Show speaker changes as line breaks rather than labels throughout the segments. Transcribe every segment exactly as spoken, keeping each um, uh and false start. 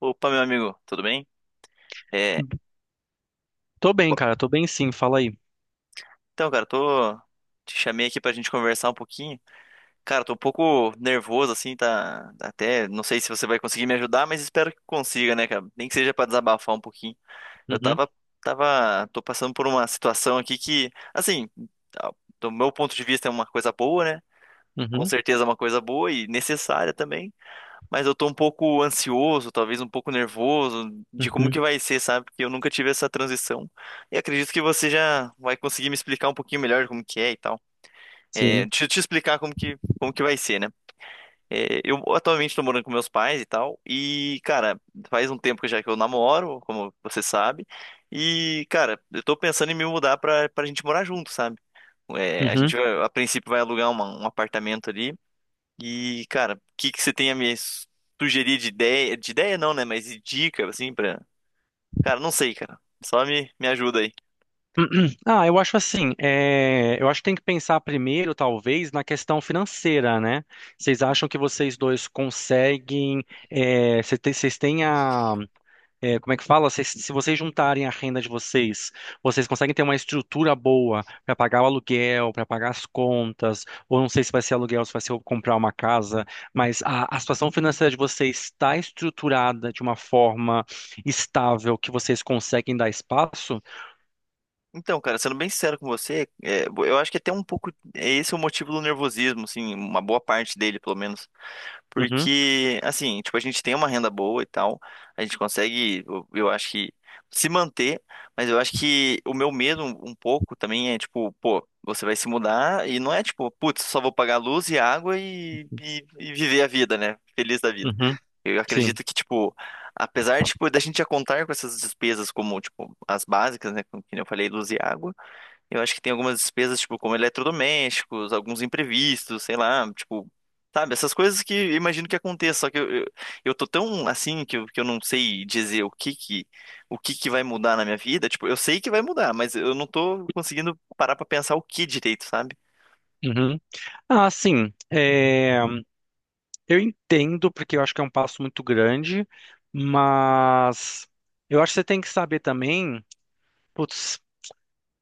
Opa, meu amigo, tudo bem? É,
Tô bem,
pô,
cara, tô bem sim, fala aí.
então, cara, tô te chamei aqui pra gente conversar um pouquinho. Cara, tô um pouco nervoso assim, tá tá até, não sei se você vai conseguir me ajudar, mas espero que consiga, né, cara? Nem que seja pra desabafar um pouquinho. Eu
Uhum,
tava tava tô passando por uma situação aqui que, assim, a- do meu ponto de vista é uma coisa boa, né? Com
uhum,
certeza é uma coisa boa e necessária também. Mas eu tô um pouco ansioso, talvez um pouco nervoso de como
uhum,
que vai ser, sabe? Porque eu nunca tive essa transição. E acredito que você já vai conseguir me explicar um pouquinho melhor como que é e tal. É,
sim.
deixa eu te explicar como que, como que vai ser, né? É, eu atualmente tô morando com meus pais e tal. E, cara, faz um tempo que já que eu namoro, como você sabe. E, cara, eu tô pensando em me mudar pra, pra gente morar junto, sabe? É, a
Uhum.
gente, vai- a princípio, vai alugar uma- um apartamento ali e, cara, o que que você tem a me sugerir de ideia? De ideia não, né? Mas de dica, assim, pra. Cara, não sei, cara. Só me, me ajuda aí.
Ah, eu acho assim, é, eu acho que tem que pensar primeiro, talvez, na questão financeira, né? Vocês acham que vocês dois conseguem, é, cê te- vocês têm a é, como é que fala? Se, se vocês juntarem a renda de vocês, vocês conseguem ter uma estrutura boa para pagar o aluguel, para pagar as contas, ou não sei se vai ser aluguel, se vai ser comprar uma casa, mas a, a situação financeira de vocês está estruturada de uma forma estável que vocês conseguem dar espaço?
Então, cara, sendo bem sincero com você, é, eu acho que é até um pouco. é Esse é o motivo do nervosismo, assim, uma boa parte dele, pelo menos.
Uhum,
Porque, assim, tipo, a gente tem uma renda boa e tal, a gente consegue, eu, eu acho que, se manter, mas eu acho que o meu medo um, um pouco também é, tipo, pô, você vai se mudar e não é, tipo, putz, só vou pagar luz e água e, e, e viver a vida, né? Feliz da vida.
uhum,
Eu
sim.
acredito que, tipo, apesar, de, tipo, da gente já contar com essas despesas como, tipo, as básicas, né? Como que nem eu falei, luz e água eu acho que tem algumas despesas, tipo, como eletrodomésticos, alguns imprevistos, sei lá, tipo, sabe, essas coisas que eu imagino que aconteça, só que eu, eu, eu tô tão assim que eu, que eu não sei dizer o que que, o que que vai mudar na minha vida, tipo, eu sei que vai mudar, mas eu não tô conseguindo parar pra pensar o que direito, sabe?
Uhum. Ah, sim. É, eu entendo, porque eu acho que é um passo muito grande, mas eu acho que você tem que saber também. Putz,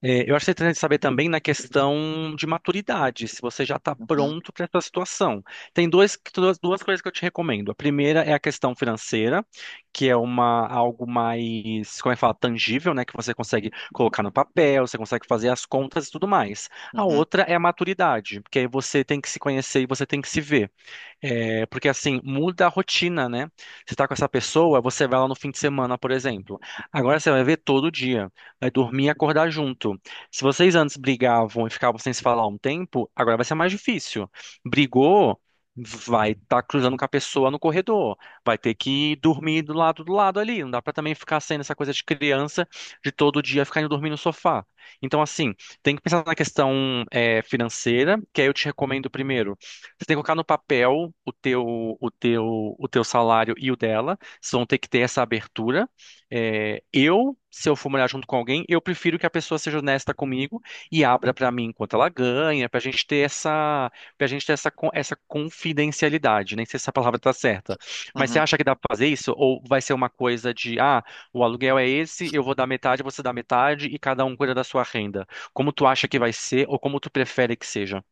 é, eu acho interessante saber também na questão de maturidade, se você já está
Uhum,
pronto para essa situação. Tem dois, duas, duas coisas que eu te recomendo. A primeira é a questão financeira, que é uma, algo mais, como é que fala, tangível, né? Que você consegue colocar no papel, você consegue fazer as contas e tudo mais. A
uhum,
outra é a maturidade, porque aí você tem que se conhecer e você tem que se ver. É, porque assim, muda a rotina, né? Você tá com essa pessoa, você vai lá no fim de semana, por exemplo. Agora você vai ver todo dia, vai dormir e acordar junto. Se vocês antes brigavam e ficavam sem se falar um tempo, agora vai ser mais difícil. Brigou, vai estar cruzando com a pessoa no corredor, vai ter que dormir do lado do lado ali. Não dá pra também ficar sendo essa coisa de criança de todo dia ficar indo dormir no sofá. Então, assim, tem que pensar na questão, é, financeira, que aí eu te recomendo primeiro. Você tem que colocar no papel o teu, o teu, o teu salário e o dela. Vocês vão ter que ter essa abertura. É, eu, se eu for morar junto com alguém, eu prefiro que a pessoa seja honesta comigo e abra para mim quanto ela ganha, para a gente ter essa, para gente ter essa, con- essa confidencialidade. Nem sei se essa palavra está certa. Mas você
uhum.
acha que dá para fazer isso? Ou vai ser uma coisa de, ah, o aluguel é esse, eu vou dar metade, você dá metade e cada um cuida da sua renda? Como tu acha que vai ser ou como tu prefere que seja?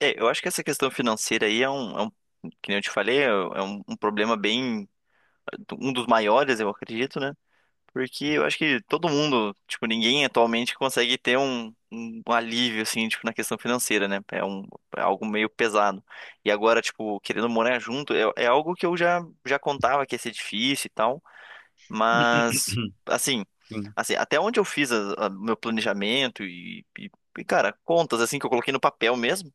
É, eu acho que essa questão financeira aí é um, é um- que nem eu te falei, é é um, um problema bem, um dos maiores, eu acredito, né? Porque eu acho que todo mundo, tipo, ninguém atualmente consegue ter um, um alívio, assim, tipo, na questão financeira, né? É, um, é algo meio pesado. E agora, tipo, querendo morar junto, é, é algo que eu já, já contava que ia ser difícil e tal, mas, assim,
Sim.
assim, até onde eu fiz a- a- meu planejamento e, e, e, cara, contas, assim, que eu coloquei no papel mesmo,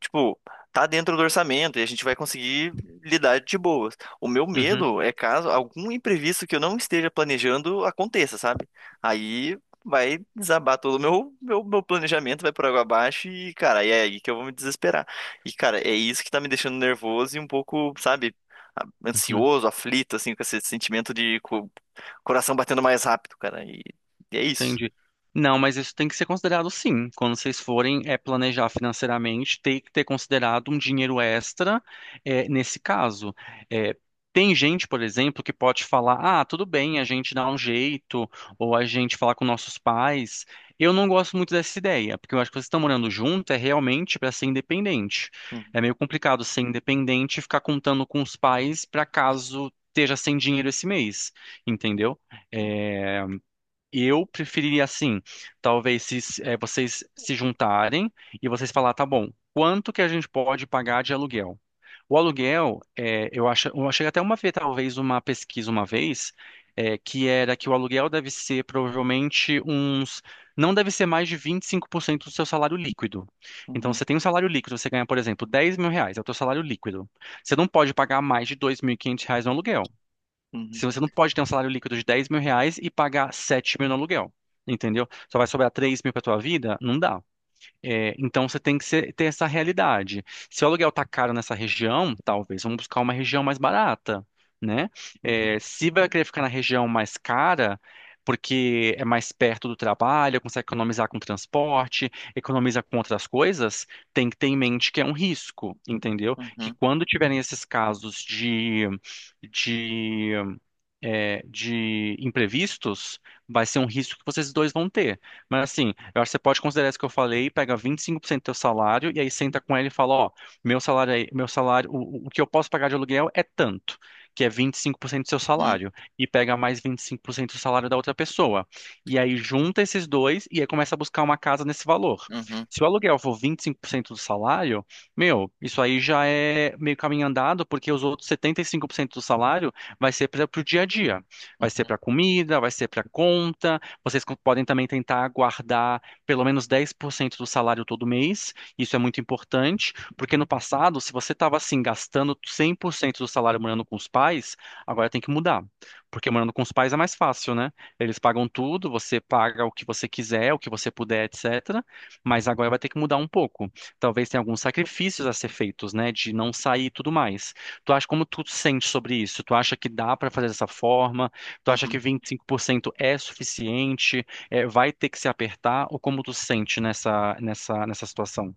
tipo, tá dentro do orçamento e a gente vai conseguir lidar de boas. O meu
Uhum,
medo é caso algum imprevisto que eu não esteja planejando aconteça, sabe? Aí vai desabar todo o meu, meu, meu planejamento, vai por água abaixo e, cara, é aí que eu vou me desesperar. E, cara, é isso que tá me deixando nervoso e um pouco, sabe, a-
uhum,
ansioso, aflito, assim, com esse sentimento de co- coração batendo mais rápido, cara. E, e é isso.
entendi. Não, mas isso tem que ser considerado sim. Quando vocês forem é planejar financeiramente, tem que ter considerado um dinheiro extra é, nesse caso. É, tem gente, por exemplo, que pode falar: ah, tudo bem, a gente dá um jeito, ou a gente fala com nossos pais. Eu não gosto muito dessa ideia, porque eu acho que vocês estão morando junto é realmente para ser independente. É meio complicado ser independente e ficar contando com os pais para caso esteja sem dinheiro esse mês, entendeu? É, eu preferiria assim, talvez se se, eh, vocês se juntarem e vocês falar, tá bom, quanto que a gente pode pagar de aluguel? O aluguel, eh, eu acho, eu achei até uma vez, talvez uma pesquisa uma vez, eh, que era que o aluguel deve ser provavelmente uns, não deve ser mais de vinte e cinco por cento do seu salário líquido. Então,
Uhum,
você tem um salário líquido, você ganha, por exemplo, dez mil reais, é o teu salário líquido. Você não pode pagar mais de dois mil e quinhentos reais no aluguel.
uhum,
Se você não pode ter um salário líquido de dez mil reais e pagar sete mil no aluguel, entendeu? Só vai sobrar três mil para tua vida? Não dá. É, então você tem que ser- ter essa realidade. Se o aluguel tá caro nessa região, talvez vamos buscar uma região mais barata, né?
uhum,
É, se vai querer ficar na região mais cara, porque é mais perto do trabalho, consegue economizar com transporte, economiza com outras coisas, tem que ter em mente que é um risco, entendeu? Que
uhum,
quando tiverem esses casos de, de é, de imprevistos, vai ser um risco que vocês dois vão ter. Mas assim, eu acho que você pode considerar isso que eu falei, pega vinte e cinco por cento do teu salário e aí senta com ele e fala, ó, meu salário aí, meu salário, o, o que eu posso pagar de aluguel é tanto, que é vinte e cinco por cento do seu
uhum,
salário, e pega mais vinte e cinco por cento do salário da outra pessoa. E aí junta esses dois e aí começa a buscar uma casa nesse valor.
uhum, uhum,
Se o aluguel for vinte e cinco por cento do salário, meu, isso aí já é meio caminho andado, porque os outros setenta e cinco por cento do salário vai ser para o dia a dia, vai ser
uhum.
para comida, vai ser para conta. Vocês co- podem também tentar guardar pelo menos dez por cento do salário todo mês, isso é muito importante, porque no passado, se você estava assim, gastando cem por cento do salário morando com os pais, agora tem que mudar, porque morando com os pais é mais fácil, né? Eles pagam tudo, você paga o que você quiser, o que você puder, etcétera. Mas agora vai ter que mudar um pouco. Talvez tenha alguns sacrifícios a ser feitos, né? De não sair e tudo mais. Tu acha como tu sente sobre isso? Tu acha que dá para fazer dessa forma? Tu acha
Uhum.
que vinte e cinco por cento é suficiente? É, vai ter que se apertar? Ou como tu sente nessa nessa nessa situação?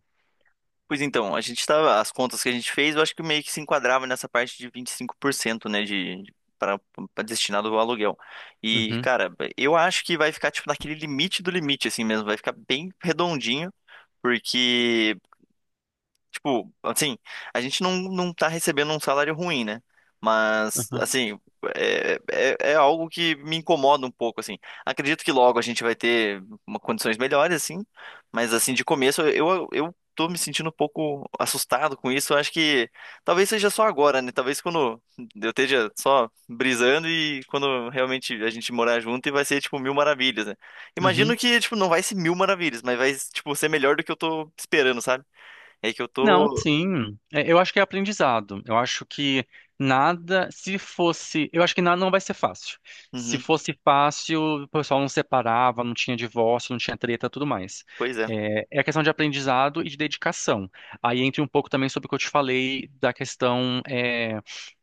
Pois então, a gente tava, as contas que a gente fez, eu acho que meio que se enquadrava nessa parte de vinte e cinco por cento né, de para destinado ao aluguel. E,
Uhum,
cara, eu acho que vai ficar tipo naquele limite do limite assim mesmo, vai ficar bem redondinho, porque tipo, assim, a gente não, não tá recebendo um salário ruim, né? Mas,
uhum,
assim, é, é, é algo que me incomoda um pouco, assim. Acredito que logo a gente vai ter uma- condições melhores, assim, mas, assim, de começo eu, eu tô me sentindo um pouco assustado com isso. Eu acho que talvez seja só agora, né? Talvez quando eu esteja só brisando e quando realmente a gente morar junto e vai ser, tipo, mil maravilhas, né? Imagino
uhum.
que, tipo, não vai ser mil maravilhas, mas vai, tipo, ser melhor do que eu tô esperando, sabe? É que eu
Não,
tô.
sim. É, eu acho que é aprendizado. Eu acho que nada, se fosse, eu acho que nada não vai ser fácil. Se
Uhum,
fosse fácil, o pessoal não separava, não tinha divórcio, não tinha treta, tudo mais.
pois é.
É, é a questão de aprendizado e de dedicação. Aí entra um pouco também sobre o que eu te falei da questão, é,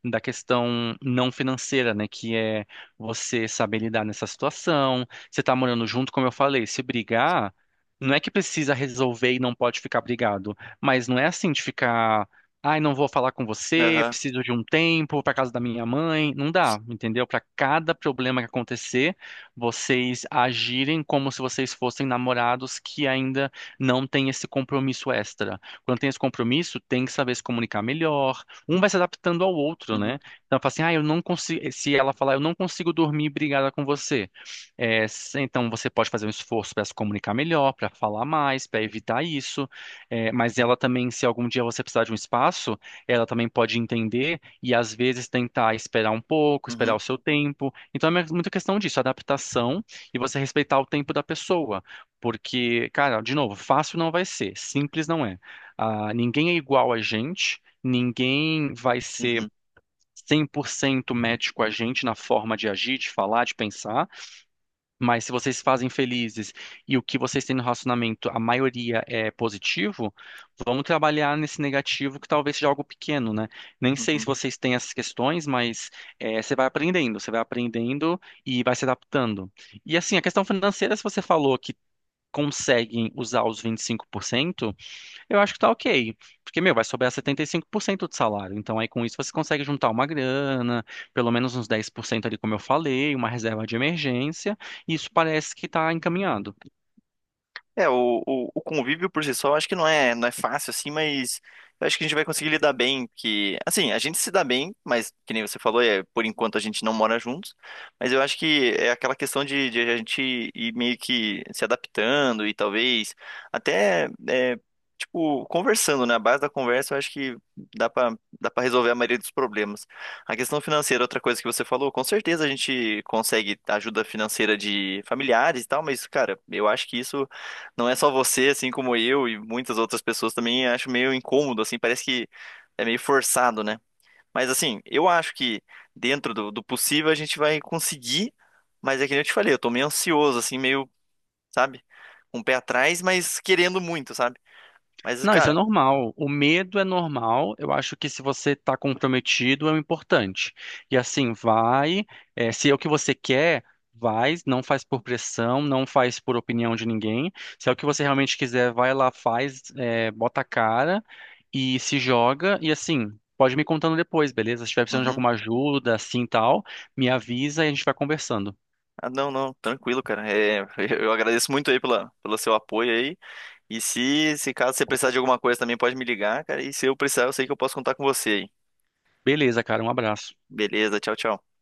da questão não financeira, né? Que é você saber lidar nessa situação. Você tá morando junto, como eu falei, se brigar, não é que precisa resolver e não pode ficar brigado. Mas não é assim de ficar, ai, não vou falar com você,
Aham.
preciso de um tempo para casa da minha mãe. Não dá, entendeu? Para cada problema que acontecer, vocês agirem como se vocês fossem namorados que ainda não têm esse compromisso extra. Quando tem esse compromisso, tem que saber se comunicar melhor. Um vai se adaptando ao outro,
Uhum,
né? Então, fala assim, ah, eu não consigo. Se ela falar, eu não consigo dormir brigada com você. É, se- então, você pode fazer um esforço para se comunicar melhor, para falar mais, para evitar isso. É, mas ela também, se algum dia você precisar de um espaço, ela também pode entender e às vezes tentar esperar um pouco, esperar o
uhum,
seu tempo. Então é muita questão disso, adaptação e você respeitar o tempo da pessoa. Porque, cara, de novo, fácil não vai ser, simples não é. Ah, ninguém é igual a gente, ninguém vai ser
uhum,
cem por cento match com a gente na forma de agir, de falar, de pensar. Mas se vocês se fazem felizes e o que vocês têm no relacionamento, a maioria é positivo, vamos trabalhar nesse negativo que talvez seja algo pequeno, né? Nem sei se
uhum.
vocês têm essas questões, mas eh, você vai aprendendo, você vai aprendendo e vai se adaptando. E assim, a questão financeira, se você falou que conseguem usar os vinte e cinco por cento, eu acho que tá ok. Porque, meu, vai sobrar setenta e cinco por cento do salário. Então, aí com isso você consegue juntar uma grana, pelo menos uns dez por cento ali, como eu falei, uma reserva de emergência, e isso parece que tá encaminhado.
É, o, o, o convívio por si só, eu acho que não é, não é fácil, assim, mas eu acho que a gente vai conseguir lidar bem, que, assim, a gente se dá bem, mas, que nem você falou, é, por enquanto a gente não mora juntos, mas eu acho que é aquela questão de, de a gente ir meio que se adaptando e talvez até, é, tipo, conversando, né? A base da conversa, eu acho que dá pra, dá pra resolver a maioria dos problemas. A questão financeira, outra coisa que você falou, com certeza a gente consegue ajuda financeira de familiares e tal, mas, cara, eu acho que isso não é só você, assim como eu e muitas outras pessoas também acho meio incômodo, assim, parece que é meio forçado, né? Mas assim, eu acho que dentro do, do possível a gente vai conseguir, mas é que nem eu te falei, eu tô meio ansioso, assim, meio, sabe, com o pé atrás, mas querendo muito, sabe? Mas,
Não, isso é
cara,
normal. O medo é normal. Eu acho que se você está comprometido, é o importante. E assim, vai. eh, se é o que você quer, vai. Não faz por pressão, não faz por opinião de ninguém. Se é o que você realmente quiser, vai lá, faz, eh, bota a cara e se joga. E assim, pode me contando depois, beleza? Se estiver precisando de
uhum.
alguma ajuda, assim tal, me avisa e a gente vai conversando.
Ah, não, não, tranquilo, cara. É, eu agradeço muito aí pela, pelo seu apoio aí. E se, se caso você precisar de alguma coisa também, pode me ligar, cara. E se eu precisar, eu sei que eu posso contar com você aí.
Beleza, cara, um abraço.
Beleza, tchau, tchau.